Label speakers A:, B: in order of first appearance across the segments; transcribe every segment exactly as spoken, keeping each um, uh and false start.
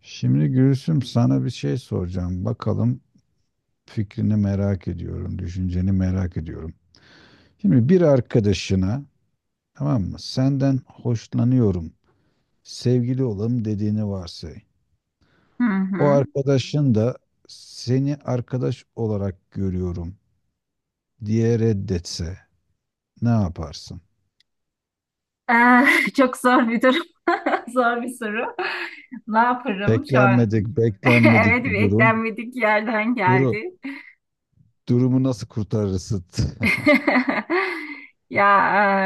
A: Şimdi Gülsüm sana bir şey soracağım. Bakalım fikrini merak ediyorum, düşünceni merak ediyorum. Şimdi bir arkadaşına, tamam mı? Senden hoşlanıyorum, sevgili olalım dediğini varsay.
B: Hı
A: O
B: hı.
A: arkadaşın da seni arkadaş olarak görüyorum diye reddetse ne yaparsın?
B: Eh, çok zor bir durum. Zor bir soru. Ne yaparım şu an?
A: Beklenmedik,
B: Evet,
A: beklenmedik bir durum.
B: beklenmedik yerden
A: Duru,
B: geldi.
A: Durumu nasıl kurtarırsın?
B: Ya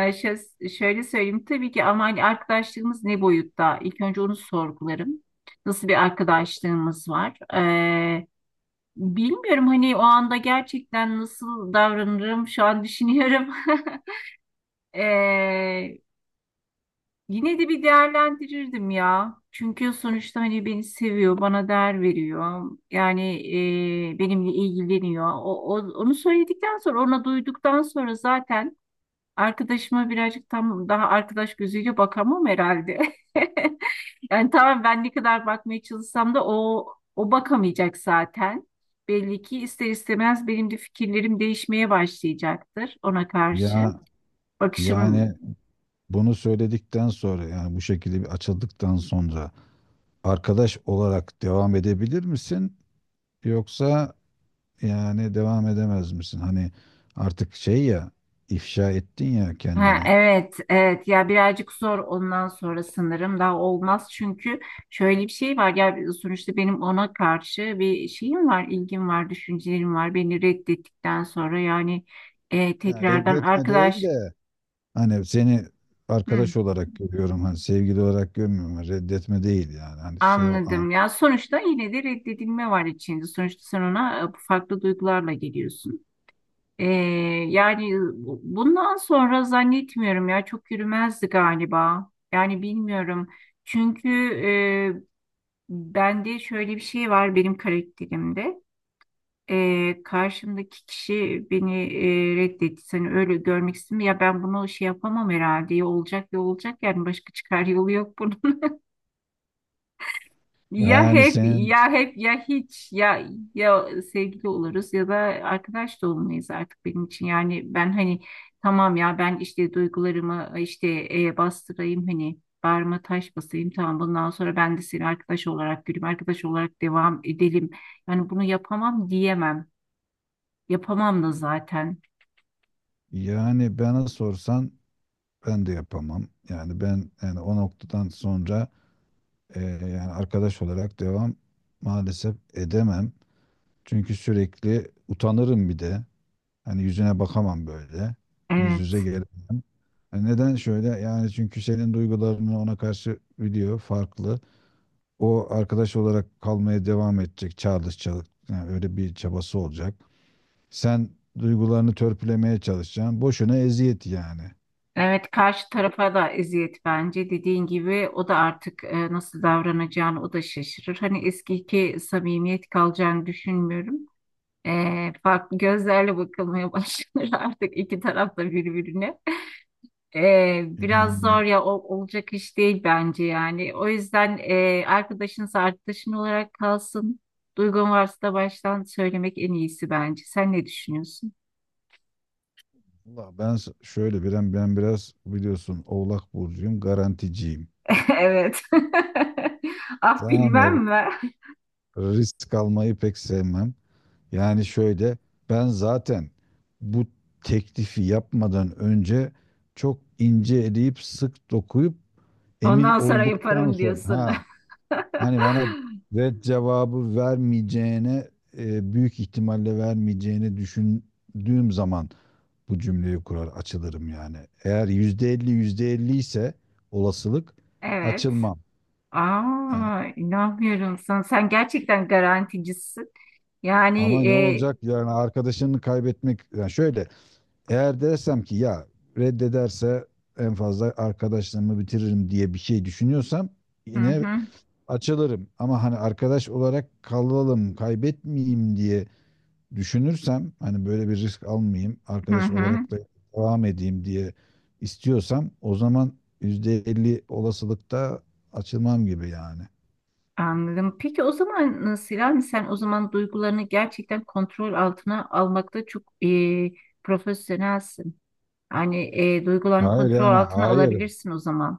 B: eh, şö- şöyle söyleyeyim tabii ki ama hani arkadaşlığımız ne boyutta? İlk önce onu sorgularım. Nasıl bir arkadaşlığımız var? Eh, bilmiyorum hani o anda gerçekten nasıl davranırım şu an düşünüyorum. Ee, Yine de bir değerlendirirdim ya. Çünkü sonuçta hani beni seviyor, bana değer veriyor. Yani e, benimle ilgileniyor. O, o- onu söyledikten sonra, ona duyduktan sonra zaten arkadaşıma birazcık tam daha arkadaş gözüyle bakamam herhalde. Yani tamam ben ne kadar bakmaya çalışsam da o o bakamayacak zaten. Belli ki ister istemez benim de fikirlerim değişmeye başlayacaktır ona karşı.
A: Ya,
B: Bakışım.
A: yani Bunu söyledikten sonra, yani bu şekilde bir açıldıktan sonra arkadaş olarak devam edebilir misin? Yoksa yani devam edemez misin? Hani artık, şey, ya ifşa ettin ya
B: Ha,
A: kendini.
B: evet, evet, ya birazcık zor ondan sonra sanırım daha olmaz çünkü şöyle bir şey var ya, sonuçta benim ona karşı bir şeyim var, ilgim var, düşüncelerim var. Beni reddettikten sonra yani e,
A: Yani
B: tekrardan
A: reddetme değil
B: arkadaş.
A: de, hani seni
B: Hı,
A: arkadaş olarak görüyorum, hani sevgili olarak görmüyorum, reddetme değil yani, hani şey o an-
B: anladım ya sonuçta yine de reddedilme var içinde. Sonuçta sen ona e, farklı duygularla geliyorsun. E, yani bu- bundan sonra zannetmiyorum ya çok yürümezdi galiba. Yani bilmiyorum. Çünkü e, bende şöyle bir şey var benim karakterimde. Ee, karşımdaki kişi beni e, reddetti. Seni öyle görmek istemiyor. Ya ben bunu şey yapamam herhalde. Ya olacak ya olacak yani başka çıkar yolu yok bunun. Ya
A: yani
B: hep
A: senin
B: ya hep ya hiç ya ya sevgili oluruz ya da arkadaş da olmayız artık benim için. Yani ben hani tamam ya ben işte duygularımı işte e, bastırayım hani bağrıma taş basayım tamam bundan sonra ben de seni arkadaş olarak göreyim arkadaş olarak devam edelim. Yani bunu yapamam diyemem. Yapamam da zaten.
A: yani bana sorsan ben de yapamam yani, ben yani o noktadan sonra, Ee, yani arkadaş olarak devam maalesef edemem. Çünkü sürekli utanırım bir de. Hani yüzüne bakamam böyle. Yüz
B: Evet.
A: yüze gelemem. Yani neden şöyle? Yani çünkü senin duygularını ona karşı biliyor, farklı. O arkadaş olarak kalmaya devam edecek, çağrışacak. Yani öyle bir çabası olacak. Sen duygularını törpülemeye çalışacaksın. Boşuna eziyet yani.
B: Evet, karşı tarafa da eziyet bence dediğin gibi o da artık e, nasıl davranacağını o da şaşırır. Hani eskiki samimiyet kalacağını düşünmüyorum. E, farklı gözlerle bakılmaya başlanır artık iki taraf da birbirine. E,
A: Ya
B: biraz zor ya o, olacak iş değil bence yani. O yüzden e, arkadaşınız arkadaşın olarak kalsın. Duygun varsa da baştan söylemek en iyisi bence. Sen ne düşünüyorsun?
A: Allah, ben s- şöyle bir, ben ben biraz, biliyorsun, Oğlak burcuyum, garanticiyim.
B: Evet. Ah,
A: Tamam,
B: bilmem mi?
A: risk almayı pek sevmem. Yani şöyle, ben zaten bu teklifi yapmadan önce çok ince eleyip sık dokuyup emin
B: Ondan sonra
A: olduktan
B: yaparım
A: sonra,
B: diyorsun.
A: ha, hani bana red cevabı vermeyeceğine, e, büyük ihtimalle vermeyeceğini düşündüğüm zaman bu cümleyi kurar, açılırım yani. Eğer yüzde elli yüzde elli ise olasılık,
B: Evet.
A: açılmam. Yani
B: Aa, inanmıyorum sana. Sen gerçekten garanticisin.
A: ama
B: Yani
A: ne
B: e,
A: olacak yani, arkadaşını kaybetmek yani şöyle, eğer dersem ki ya reddederse en fazla arkadaşlığımı bitiririm diye bir şey düşünüyorsam
B: hı
A: yine
B: hı,
A: açılırım. Ama hani arkadaş olarak kalalım, kaybetmeyeyim diye düşünürsem, hani böyle bir risk almayayım,
B: hı
A: arkadaş
B: hı,
A: olarak da devam edeyim diye istiyorsam, o zaman yüzde elli olasılıkta açılmam gibi yani.
B: anladım. Peki o zaman nasıl yani sen o zaman duygularını gerçekten kontrol altına almakta çok e, profesyonelsin. Hani e, duygularını
A: Hayır,
B: kontrol
A: yani
B: altına
A: hayır.
B: alabilirsin o zaman.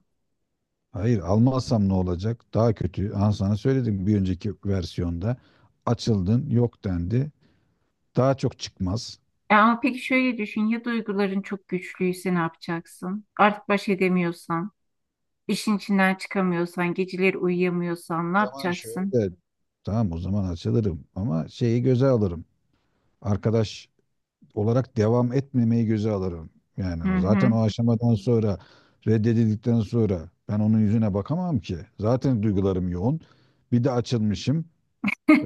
A: Hayır, almazsam ne olacak? Daha kötü. Aha, sana söyledim bir önceki versiyonda. Açıldın, yok dendi. Daha çok çıkmaz.
B: E, ama peki şöyle düşün ya duyguların çok güçlüyse ne yapacaksın? Artık baş edemiyorsan. İşin içinden çıkamıyorsan, geceleri uyuyamıyorsan ne
A: O zaman
B: yapacaksın?
A: şöyle, tamam, o zaman açılırım ama şeyi göze alırım. Arkadaş olarak devam etmemeyi göze alırım. Yani
B: Hı
A: zaten
B: hı.
A: o aşamadan sonra, reddedildikten sonra ben onun yüzüne bakamam ki. Zaten duygularım yoğun. Bir de açılmışım.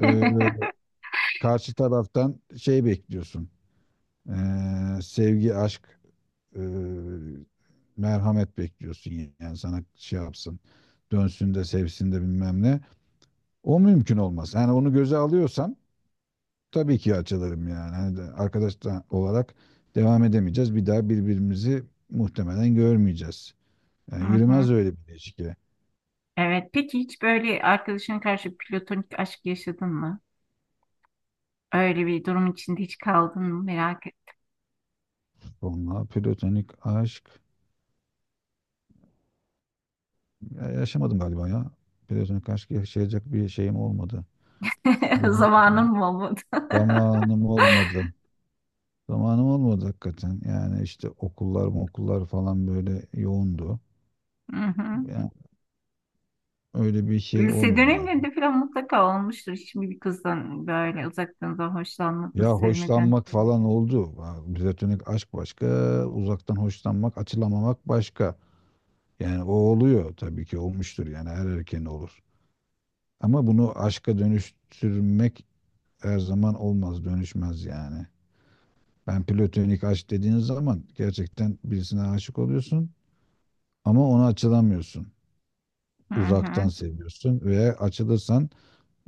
A: Ee, karşı taraftan şey bekliyorsun. Ee, sevgi, aşk, e, merhamet bekliyorsun. Yani sana şey yapsın, dönsün de sevsin de bilmem ne. O mümkün olmaz. Yani onu göze alıyorsam tabii ki açılırım yani. Hani de arkadaş da olarak devam edemeyeceğiz. Bir daha birbirimizi muhtemelen görmeyeceğiz. Yani
B: Hı hı.
A: yürümez öyle bir ilişki.
B: Evet, peki hiç böyle arkadaşına karşı platonik aşk yaşadın mı? Öyle bir durum içinde hiç kaldın mı? Merak et.
A: Onunla platonik aşk ya yaşamadım galiba ya. Platonik aşk yaşayacak bir şeyim olmadı. Durum
B: Zamanın mı olmadı?
A: zamanım olmadı. Zamanım olmadı hakikaten. Yani işte okullar okullar falan böyle yoğundu.
B: Hı hı.
A: Yani öyle bir şey
B: Lise
A: olmadı ya.
B: dönemlerinde falan mutlaka olmuştur. Hiç mi bir kızdan böyle uzaktan da hoşlanmadın,
A: Ya,
B: sevmedin?
A: hoşlanmak falan oldu. Ha, platonik aşk başka, uzaktan hoşlanmak, açılamamak başka. Yani o oluyor, tabii ki olmuştur yani, her erkeğin olur. Ama bunu aşka dönüştürmek her zaman olmaz, dönüşmez yani. Ben platonik aşk dediğiniz zaman gerçekten birisine aşık oluyorsun ama ona açılamıyorsun.
B: Hı hı.
A: Uzaktan seviyorsun ve açılırsan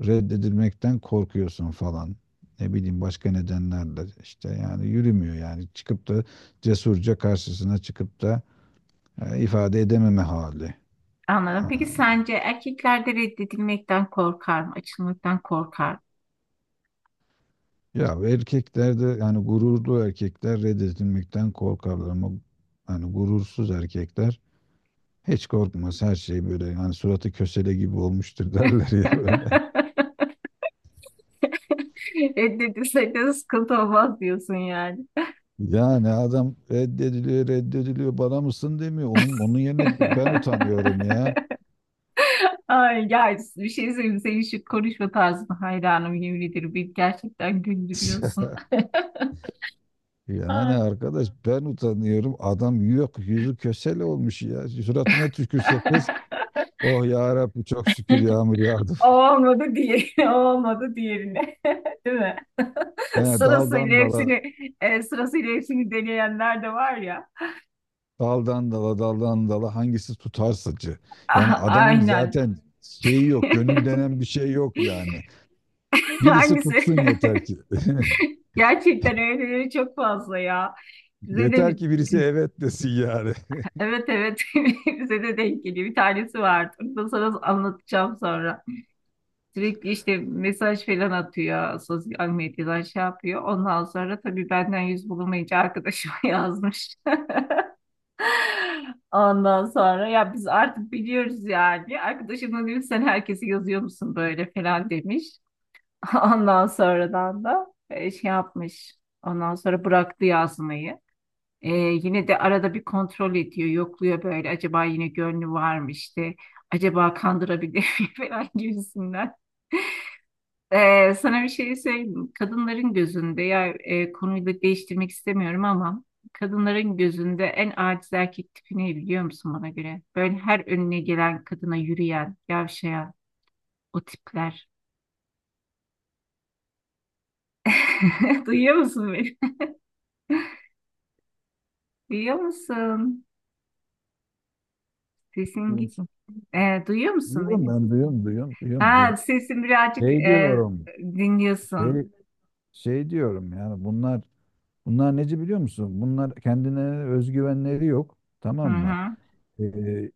A: reddedilmekten korkuyorsun falan. Ne bileyim, başka nedenlerle işte yani, yürümüyor yani, çıkıp da cesurca karşısına çıkıp da e, ifade edememe hali.
B: Anladım.
A: Ha,
B: Peki sence erkeklerde reddedilmekten korkar mı? Açılmaktan korkar
A: ya erkekler de yani, gururlu erkekler reddedilmekten korkarlar ama yani gurursuz erkekler hiç korkmaz, her şey böyle yani, suratı kösele gibi olmuştur derler ya
B: mı?
A: böyle.
B: Reddedilsek de sıkıntı olmaz diyorsun yani.
A: Yani adam reddediliyor reddediliyor, bana mısın demiyor. Onun onun yerine ben utanıyorum ya.
B: Ay ya bir şey söyleyeyim senin şu konuşma tarzına hayranım yemin ederim beni gerçekten güldürüyorsun.
A: Yani
B: Ah.
A: arkadaş, ben utanıyorum. Adam yok, yüzü kösele olmuş ya. Suratına tükürse kız, oh ya Rabbi çok şükür yağmur yağdı.
B: O olmadı diğeri, o olmadı diğerine. Değil mi?
A: He, daldan
B: Sırasıyla
A: dala,
B: hepsini, e, sırasıyla hepsini deneyenler de var ya.
A: daldan dala, daldan dala, hangisi tutarsacı. Yani adamın
B: Aynen.
A: zaten şeyi yok, gönül denen bir şey yok yani. Birisi
B: Hangisi?
A: tutsun yeter ki.
B: Gerçekten öyleleri çok fazla ya. Bize
A: Yeter
B: de
A: ki birisi evet desin yani.
B: evet, evet, bize de denk geliyor. Bir tanesi vardı. Onu da sana anlatacağım sonra. Sürekli işte mesaj falan atıyor. Sosyal medyadan şey yapıyor. Ondan sonra tabii benden yüz bulamayınca arkadaşıma yazmış. Ondan sonra ya biz artık biliyoruz yani. Arkadaşım da demiş sen herkesi yazıyor musun böyle falan demiş. Ondan sonradan da e, şey yapmış. Ondan sonra bıraktı yazmayı. Ee, yine de arada bir kontrol ediyor, yokluyor böyle. Acaba yine gönlü var mı işte? Acaba kandırabilir mi falan gibisinden. Ee, sana bir şey söyleyeyim. Kadınların gözünde ya e, konuyu da değiştirmek istemiyorum ama kadınların gözünde en aciz erkek tipi ne biliyor musun bana göre? Böyle her önüne gelen kadına yürüyen, yavşayan o tipler. Duyuyor musun beni? Duyuyor musun? Sesin
A: Duyuyor
B: git.
A: musun?
B: Ee, duyuyor musun
A: Duyuyorum,
B: beni?
A: ben duyuyorum duyuyorum duyuyorum
B: Ha,
A: duyuyorum.
B: sesi birazcık
A: Şey
B: e,
A: diyorum, şey
B: dinliyorsun.
A: şey diyorum yani, bunlar bunlar neci biliyor musun? Bunlar, kendine özgüvenleri yok.
B: Hı
A: Tamam mı?
B: hı.
A: Ee,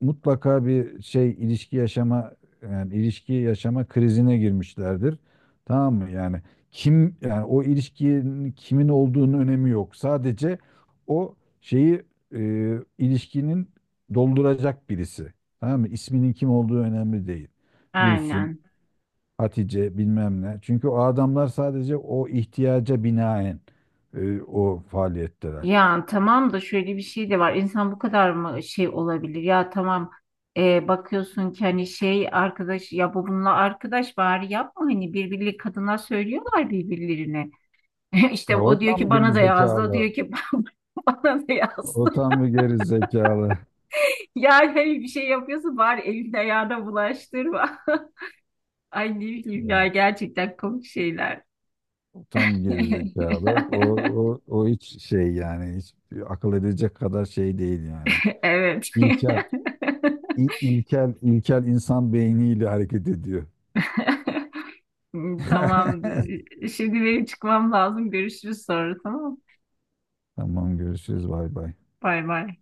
A: mutlaka bir şey, ilişki yaşama yani ilişki yaşama krizine girmişlerdir. Tamam mı? Yani kim, yani o ilişkinin kimin olduğunun önemi yok. Sadece o şeyi, e, ilişkinin dolduracak birisi. Tamam mı? İsminin kim olduğu önemli değil. Gülsüm,
B: Aynen.
A: Hatice, bilmem ne. Çünkü o adamlar sadece o ihtiyaca binaen e, o faaliyetteler.
B: Ya tamam da şöyle bir şey de var. İnsan bu kadar mı şey olabilir? Ya tamam e, bakıyorsun ki hani şey arkadaş ya bu bununla arkadaş bari yapma hani birbirleri kadınlar söylüyorlar birbirlerine.
A: Ha,
B: İşte
A: o
B: o diyor
A: tam
B: ki
A: geri
B: bana da yazdı, o
A: zekalı.
B: diyor ki bana da
A: O
B: yazdı.
A: tam bir geri zekalı.
B: Yani hani bir şey yapıyorsun bari elini ayağına bulaştırma. Ay ne bileyim ya
A: Yani
B: gerçekten komik şeyler.
A: o tam bir geri zekalı. O, o, o hiç şey yani, hiç akıl edecek kadar şey değil yani.
B: Evet.
A: İlkel, il, ilkel, ilkel insan beyniyle hareket ediyor.
B: Tamamdır. Şimdi benim çıkmam lazım. Görüşürüz sonra, tamam mı?
A: Tamam, görüşürüz, bay bay.
B: Bay bay.